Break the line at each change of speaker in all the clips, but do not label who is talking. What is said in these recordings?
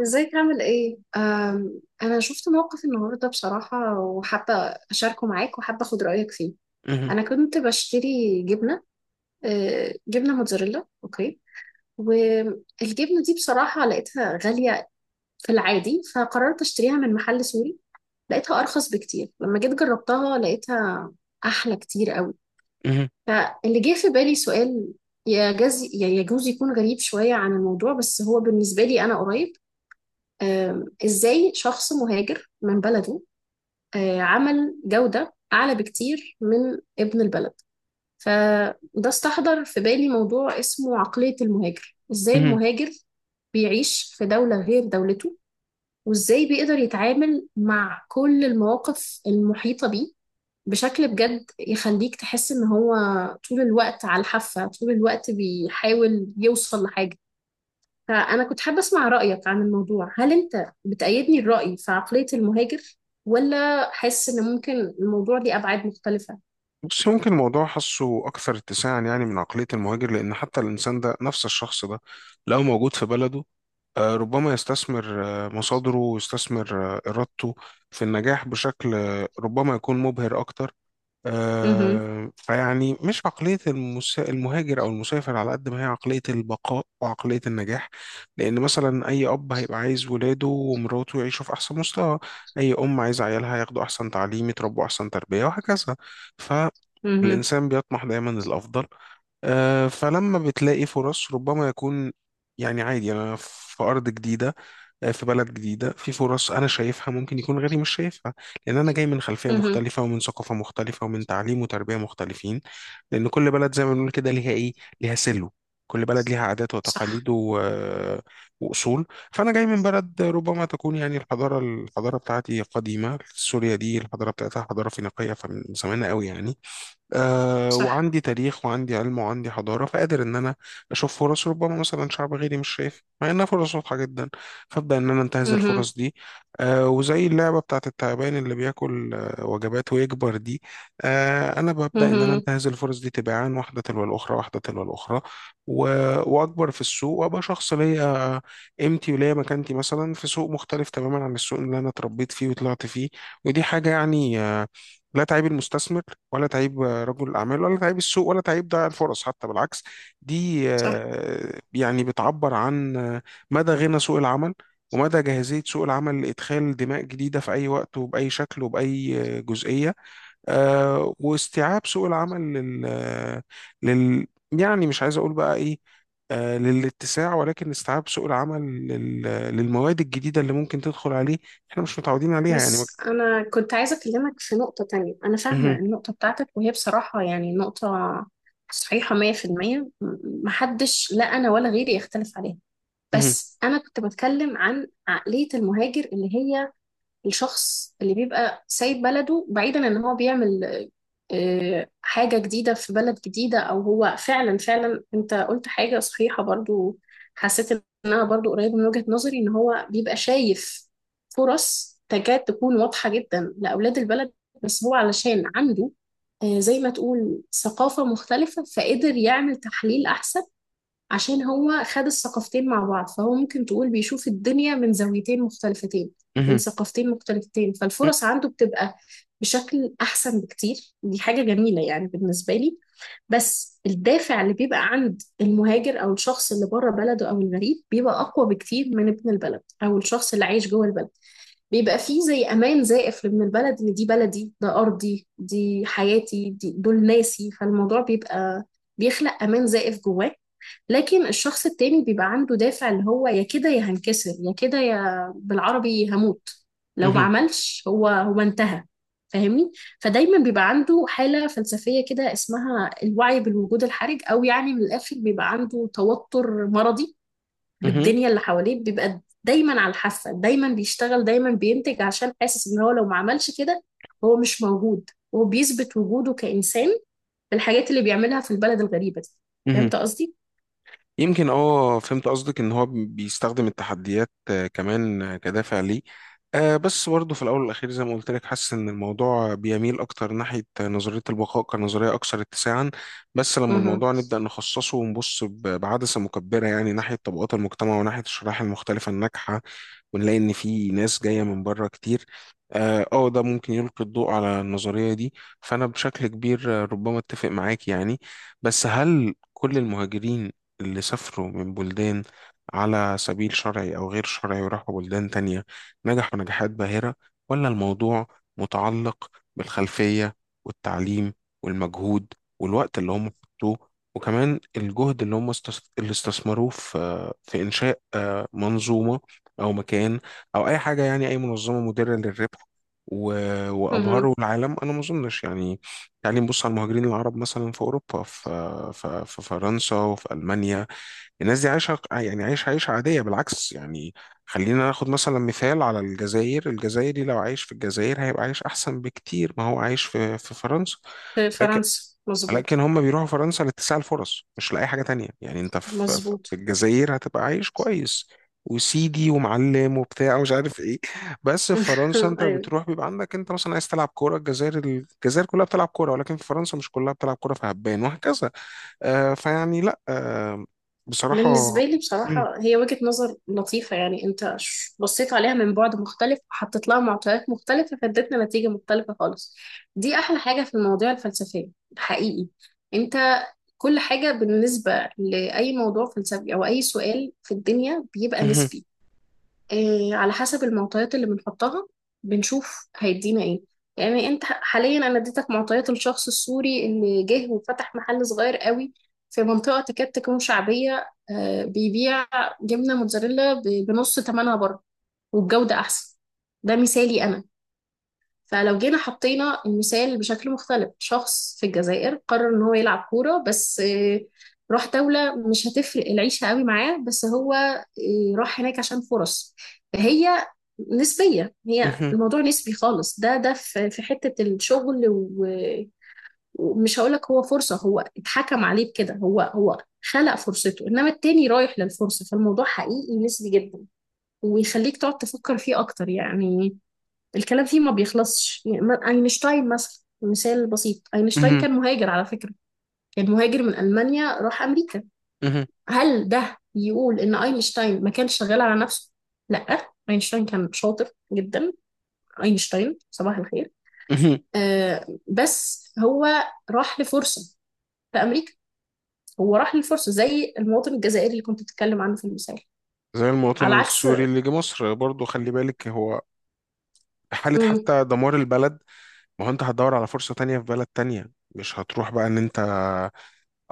ازيك عامل ايه؟ انا شفت موقف النهارده بصراحة وحابة اشاركه معاك وحابة اخد رأيك فيه.
مهم.
انا كنت بشتري جبنة، جبنة موتزاريلا اوكي. والجبنة دي بصراحة لقيتها غالية في العادي فقررت اشتريها من محل سوري. لقيتها ارخص بكتير، لما جيت جربتها لقيتها احلى كتير قوي.
مهم.
فاللي جه في بالي سؤال، يجوز يكون غريب شوية عن الموضوع بس هو بالنسبة لي انا قريب. ازاي شخص مهاجر من بلده عمل جودة أعلى بكتير من ابن البلد؟ فده استحضر في بالي موضوع اسمه عقلية المهاجر، ازاي
مهم.
المهاجر بيعيش في دولة غير دولته، وازاي بيقدر يتعامل مع كل المواقف المحيطة بيه بشكل بجد يخليك تحس ان هو طول الوقت على الحافة، طول الوقت بيحاول يوصل لحاجة. فأنا كنت حابة أسمع رأيك عن الموضوع، هل أنت بتأيدني الرأي في عقلية المهاجر، ولا حاسس إن ممكن الموضوع ليه أبعاد مختلفة؟
بص، ممكن الموضوع حاسه أكثر اتساعا، يعني من عقلية المهاجر، لأن حتى الإنسان ده نفس الشخص ده لو موجود في بلده ربما يستثمر مصادره، ويستثمر إرادته في النجاح بشكل ربما يكون مبهر أكتر.
مهم.
فيعني مش عقلية المهاجر أو المسافر، على قد ما هي عقلية البقاء وعقلية النجاح. لأن مثلا أي أب هيبقى عايز ولاده ومراته يعيشوا في أحسن مستوى، أي أم عايزة عيالها ياخدوا أحسن تعليم، يتربوا أحسن تربية، وهكذا.
مهم.
فالإنسان بيطمح دايما للأفضل. فلما بتلاقي فرص ربما يكون، يعني عادي، أنا في أرض جديدة، في بلد جديدة، في فرص أنا شايفها ممكن يكون غيري مش شايفها، لأن أنا جاي من خلفية
مهم.
مختلفة ومن ثقافة مختلفة ومن تعليم وتربية مختلفين. لأن كل بلد زي ما بنقول كده ليها إيه، ليها سلو، كل بلد ليها عادات
صح.
وتقاليد و... وأصول. فأنا جاي من بلد ربما تكون، يعني الحضارة بتاعتي قديمة، سوريا دي الحضارة بتاعتها حضارة فينيقية، فمن زمان قوي يعني.
صح.
وعندي تاريخ وعندي علم وعندي حضارة، فقادر إن أنا أشوف فرص ربما مثلا شعب غيري مش شايف، مع إنها فرص واضحة جدا، فأبدأ إن أنا أنتهز
مهم.
الفرص دي. وزي اللعبة بتاعت التعبان اللي بياكل وجبات ويكبر دي، أنا ببدأ إن أنا
مهم.
أنتهز الفرص دي تباعا، واحدة تلو الأخرى، واحدة تلو الأخرى. و... وأكبر في السوق، وأبقى شخص ليا قيمتي وليا مكانتي، مثلا في سوق مختلف تماما عن السوق اللي أنا اتربيت فيه وطلعت فيه. ودي حاجة يعني لا تعيب المستثمر، ولا تعيب رجل الأعمال، ولا تعيب السوق، ولا تعيب ضياع الفرص، حتى بالعكس. دي
صح.
يعني بتعبر عن مدى غنى سوق العمل، ومدى جاهزية سوق العمل لإدخال دماء جديدة في أي وقت وبأي شكل وبأي جزئية. واستيعاب سوق العمل يعني مش عايز أقول بقى إيه، للاتساع، ولكن استيعاب سوق العمل لل... آه، للمواد الجديدة اللي ممكن تدخل عليه، احنا مش متعودين عليها، يعني
بس أنا كنت عايزة أكلمك في نقطة تانية، أنا فاهمة
مهم.
النقطة بتاعتك وهي بصراحة يعني نقطة صحيحة 100%، محدش لا أنا ولا غيري يختلف عليها.
مهم.
بس أنا كنت بتكلم عن عقلية المهاجر اللي هي الشخص اللي بيبقى سايب بلده بعيدا ان هو بيعمل حاجة جديدة في بلد جديدة. او هو فعلا فعلا انت قلت حاجة صحيحة برضو. حسيت ان انا برضو قريب من وجهة نظري، ان هو بيبقى شايف فرص تكاد تكون واضحة جدا لأولاد البلد، بس هو علشان عنده زي ما تقول ثقافة مختلفة، فقدر يعمل تحليل أحسن. عشان هو خد الثقافتين مع بعض، فهو ممكن تقول بيشوف الدنيا من زاويتين مختلفتين، من
مهم.
ثقافتين مختلفتين، فالفرص عنده بتبقى بشكل أحسن بكتير. دي حاجة جميلة يعني بالنسبة لي. بس الدافع اللي بيبقى عند المهاجر أو الشخص اللي بره بلده أو الغريب بيبقى أقوى بكتير من ابن البلد أو الشخص اللي عايش جوه البلد. بيبقى فيه زي أمان زائف لابن البلد، إن دي بلدي، ده أرضي، دي حياتي، دي دول ناسي، فالموضوع بيبقى بيخلق أمان زائف جواه. لكن الشخص التاني بيبقى عنده دافع اللي هو يا كده يا هنكسر، يا كده يا بالعربي هموت. لو ما
مهم.
عملش، هو انتهى. فاهمني؟ فدايما بيبقى عنده حالة فلسفية كده اسمها الوعي بالوجود الحرج، او يعني من الاخر بيبقى عنده توتر مرضي
مهم.
بالدنيا اللي حواليه، بيبقى دايما على الحافة، دايما بيشتغل، دايما بينتج عشان حاسس ان هو لو ما عملش كده هو مش موجود، وهو بيثبت وجوده كإنسان بالحاجات اللي بيعملها في البلد الغريبة دي.
مهم.
فهمت قصدي؟
يمكن فهمت قصدك ان هو بيستخدم التحديات كمان كدافع ليه. بس برضه في الاول والاخير زي ما قلت لك، حاسس ان الموضوع بيميل اكتر ناحيه نظريه البقاء، كنظريه اكثر اتساعا. بس لما الموضوع نبدا نخصصه ونبص بعدسه مكبره، يعني ناحيه طبقات المجتمع وناحيه الشرائح المختلفه الناجحه، ونلاقي ان في ناس جايه من بره كتير. ده ممكن يلقي الضوء على النظريه دي. فانا بشكل كبير ربما اتفق معاك يعني. بس هل كل المهاجرين اللي سافروا من بلدان على سبيل شرعي او غير شرعي، وراحوا بلدان تانية، نجحوا نجاحات باهره؟ ولا الموضوع متعلق بالخلفيه والتعليم والمجهود والوقت اللي هم حطوه، وكمان الجهد اللي هم اللي استثمروه في إنشاء منظومة، او مكان، او اي حاجه، يعني اي منظمه مدره للربح، و...
مهم.
وابهروا العالم. انا ما اظنش يعني. تعالي نبص على المهاجرين العرب مثلا في اوروبا، في فرنسا وفي المانيا. الناس دي عايشه يعني عايشه عيشه عاديه، بالعكس يعني. خلينا ناخد مثلا مثال على الجزائر. الجزائري لو عايش في الجزائر هيبقى عايش احسن بكتير ما هو عايش في فرنسا.
في فرنسا
لكن
مظبوط.
هم بيروحوا فرنسا لاتساع الفرص، مش لأي حاجة تانية. يعني انت في
مظبوط.
الجزائر هتبقى عايش كويس، وسيدي ومعلم وبتاع ومش عارف ايه. بس في فرنسا انت
ايوه.
بتروح بيبقى عندك انت مثلا عايز تلعب كورة. الجزائر كلها بتلعب كورة، ولكن في فرنسا مش كلها بتلعب كورة فهبان، وهكذا. فيعني لا، بصراحة.
بالنسبه لي
مم.
بصراحه هي وجهه نظر لطيفه، يعني انت بصيت عليها من بعد مختلف وحطيت لها معطيات مختلفه فادتنا نتيجه مختلفه خالص. دي احلى حاجه في المواضيع الفلسفيه، حقيقي. انت كل حاجه بالنسبه لاي موضوع فلسفي او اي سؤال في الدنيا بيبقى
مهم.
نسبي، على حسب المعطيات اللي بنحطها بنشوف هيدينا ايه. يعني انت حاليا انا اديتك معطيات الشخص السوري اللي جه وفتح محل صغير قوي في منطقة تكاد تكون شعبية، بيبيع جبنة موتزاريلا بنص ثمنها بره، والجودة احسن. ده مثالي انا. فلو جينا حطينا المثال بشكل مختلف، شخص في الجزائر قرر ان هو يلعب كورة بس، راح دولة مش هتفرق العيشة قوي معاه، بس هو راح هناك عشان فرص. فهي نسبية، هي
مهم.
الموضوع نسبي خالص، ده في حتة الشغل ومش هقولك هو فرصة هو اتحكم عليه بكده، هو خلق فرصته، انما التاني رايح للفرصة، فالموضوع حقيقي نسبي جدا ويخليك تقعد تفكر فيه اكتر يعني. الكلام فيه ما بيخلصش يعني، اينشتاين مثلا مثال بسيط، اينشتاين
مهم.
كان مهاجر على فكرة، كان مهاجر من ألمانيا راح أمريكا.
مهم.
هل ده يقول إن اينشتاين ما كانش شغال على نفسه؟ لا، اينشتاين كان شاطر جدا، اينشتاين صباح الخير.
مهم.
بس هو راح لفرصة في أمريكا، هو راح للفرصة زي المواطن الجزائري اللي كنت بتتكلم عنه في المثال،
زي
على
المواطن
عكس.
السوري اللي جه مصر برضو، خلي بالك هو حالة
مم،
حتى دمار البلد. ما هو انت هتدور على فرصة تانية في بلد تانية، مش هتروح بقى ان انت،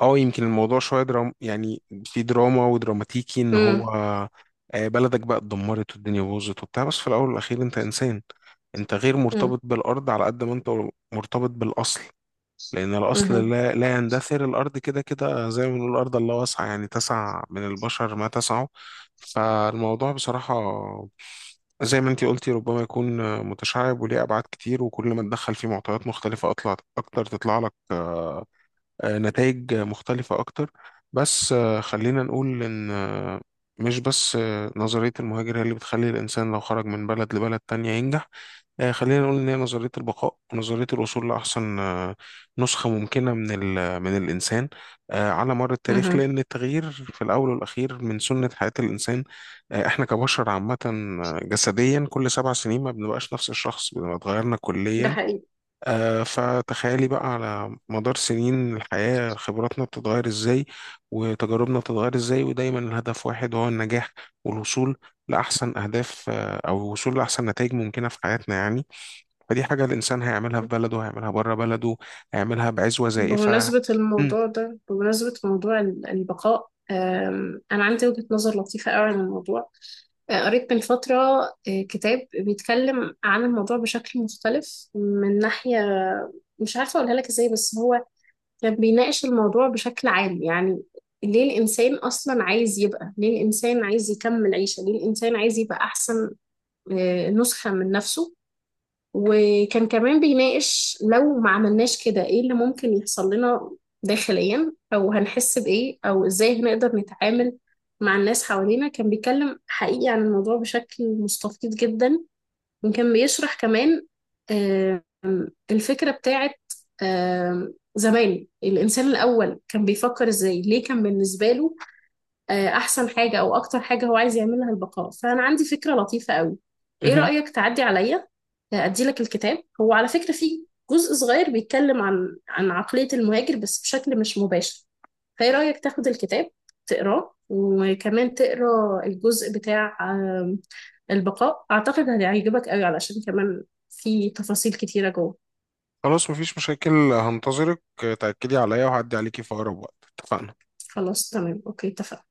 اه يمكن الموضوع شوية درام، يعني في دراما ودراماتيكي، ان
مم،
هو بلدك بقى اتدمرت والدنيا باظت وبتاع، بس في الاول والاخير انت انسان. انت غير
مم،
مرتبط بالارض على قد ما انت مرتبط بالاصل، لان الاصل
مم،
لا, لا يندثر. الارض كده كده، زي ما بنقول الارض الله واسعة، يعني تسع من البشر ما تسعه. فالموضوع بصراحة، زي ما انتي قلتي، ربما يكون متشعب وليه ابعاد كتير، وكل ما تدخل فيه معطيات مختلفه اطلع اكتر، تطلع لك نتائج مختلفه اكتر. بس خلينا نقول ان مش بس نظريه المهاجر هي اللي بتخلي الانسان لو خرج من بلد لبلد تانية ينجح. خلينا نقول إن هي نظرية البقاء، ونظرية الوصول لأحسن نسخة ممكنة من من الإنسان على مر التاريخ،
مم.
لأن التغيير في الأول والأخير من سنة حياة الإنسان. إحنا كبشر عامة جسديا كل 7 سنين ما بنبقاش نفس الشخص، بنبقى اتغيرنا
ده
كليا.
حقيقي.
فتخيلي بقى على مدار سنين الحياة خبراتنا بتتغير إزاي وتجاربنا بتتغير إزاي، ودايما الهدف واحد وهو النجاح، والوصول لأحسن أهداف، أو الوصول لأحسن نتائج ممكنة في حياتنا يعني. فدي حاجة الإنسان هيعملها في بلده هيعملها بره بلده، هيعملها بعزوة زائفة.
بمناسبة
مم.
الموضوع ده، بمناسبة موضوع البقاء، أنا عندي وجهة نظر لطيفة قوي عن الموضوع. قريت من فترة كتاب بيتكلم عن الموضوع بشكل مختلف من ناحية، مش عارفة أقولها لك إزاي. بس هو كان بيناقش الموضوع بشكل عام يعني، ليه الإنسان أصلا عايز يبقى، ليه الإنسان عايز يكمل عيشة، ليه الإنسان عايز يبقى أحسن نسخة من نفسه. وكان كمان بيناقش، لو ما عملناش كده ايه اللي ممكن يحصل لنا داخليا، او هنحس بايه، او ازاي هنقدر نتعامل مع الناس حوالينا. كان بيتكلم حقيقي عن الموضوع بشكل مستفيض جدا. وكان بيشرح كمان الفكرة بتاعت زمان، الإنسان الأول كان بيفكر إزاي، ليه كان بالنسبة له احسن حاجة او اكتر حاجة هو عايز يعملها البقاء. فانا عندي فكرة لطيفة قوي، ايه
مهم.
رأيك تعدي عليا ادي لك الكتاب. هو على فكرة فيه جزء صغير بيتكلم عن عن عقلية المهاجر بس بشكل مش مباشر. فايه رأيك تاخد الكتاب تقراه، وكمان تقرا الجزء بتاع البقاء، اعتقد هيعجبك قوي علشان كمان في تفاصيل كتيرة جوه.
خلاص مفيش مشاكل، هنتظرك. تأكدي عليا وهعدي عليكي في أقرب وقت. اتفقنا؟
خلاص تمام اوكي اتفقنا.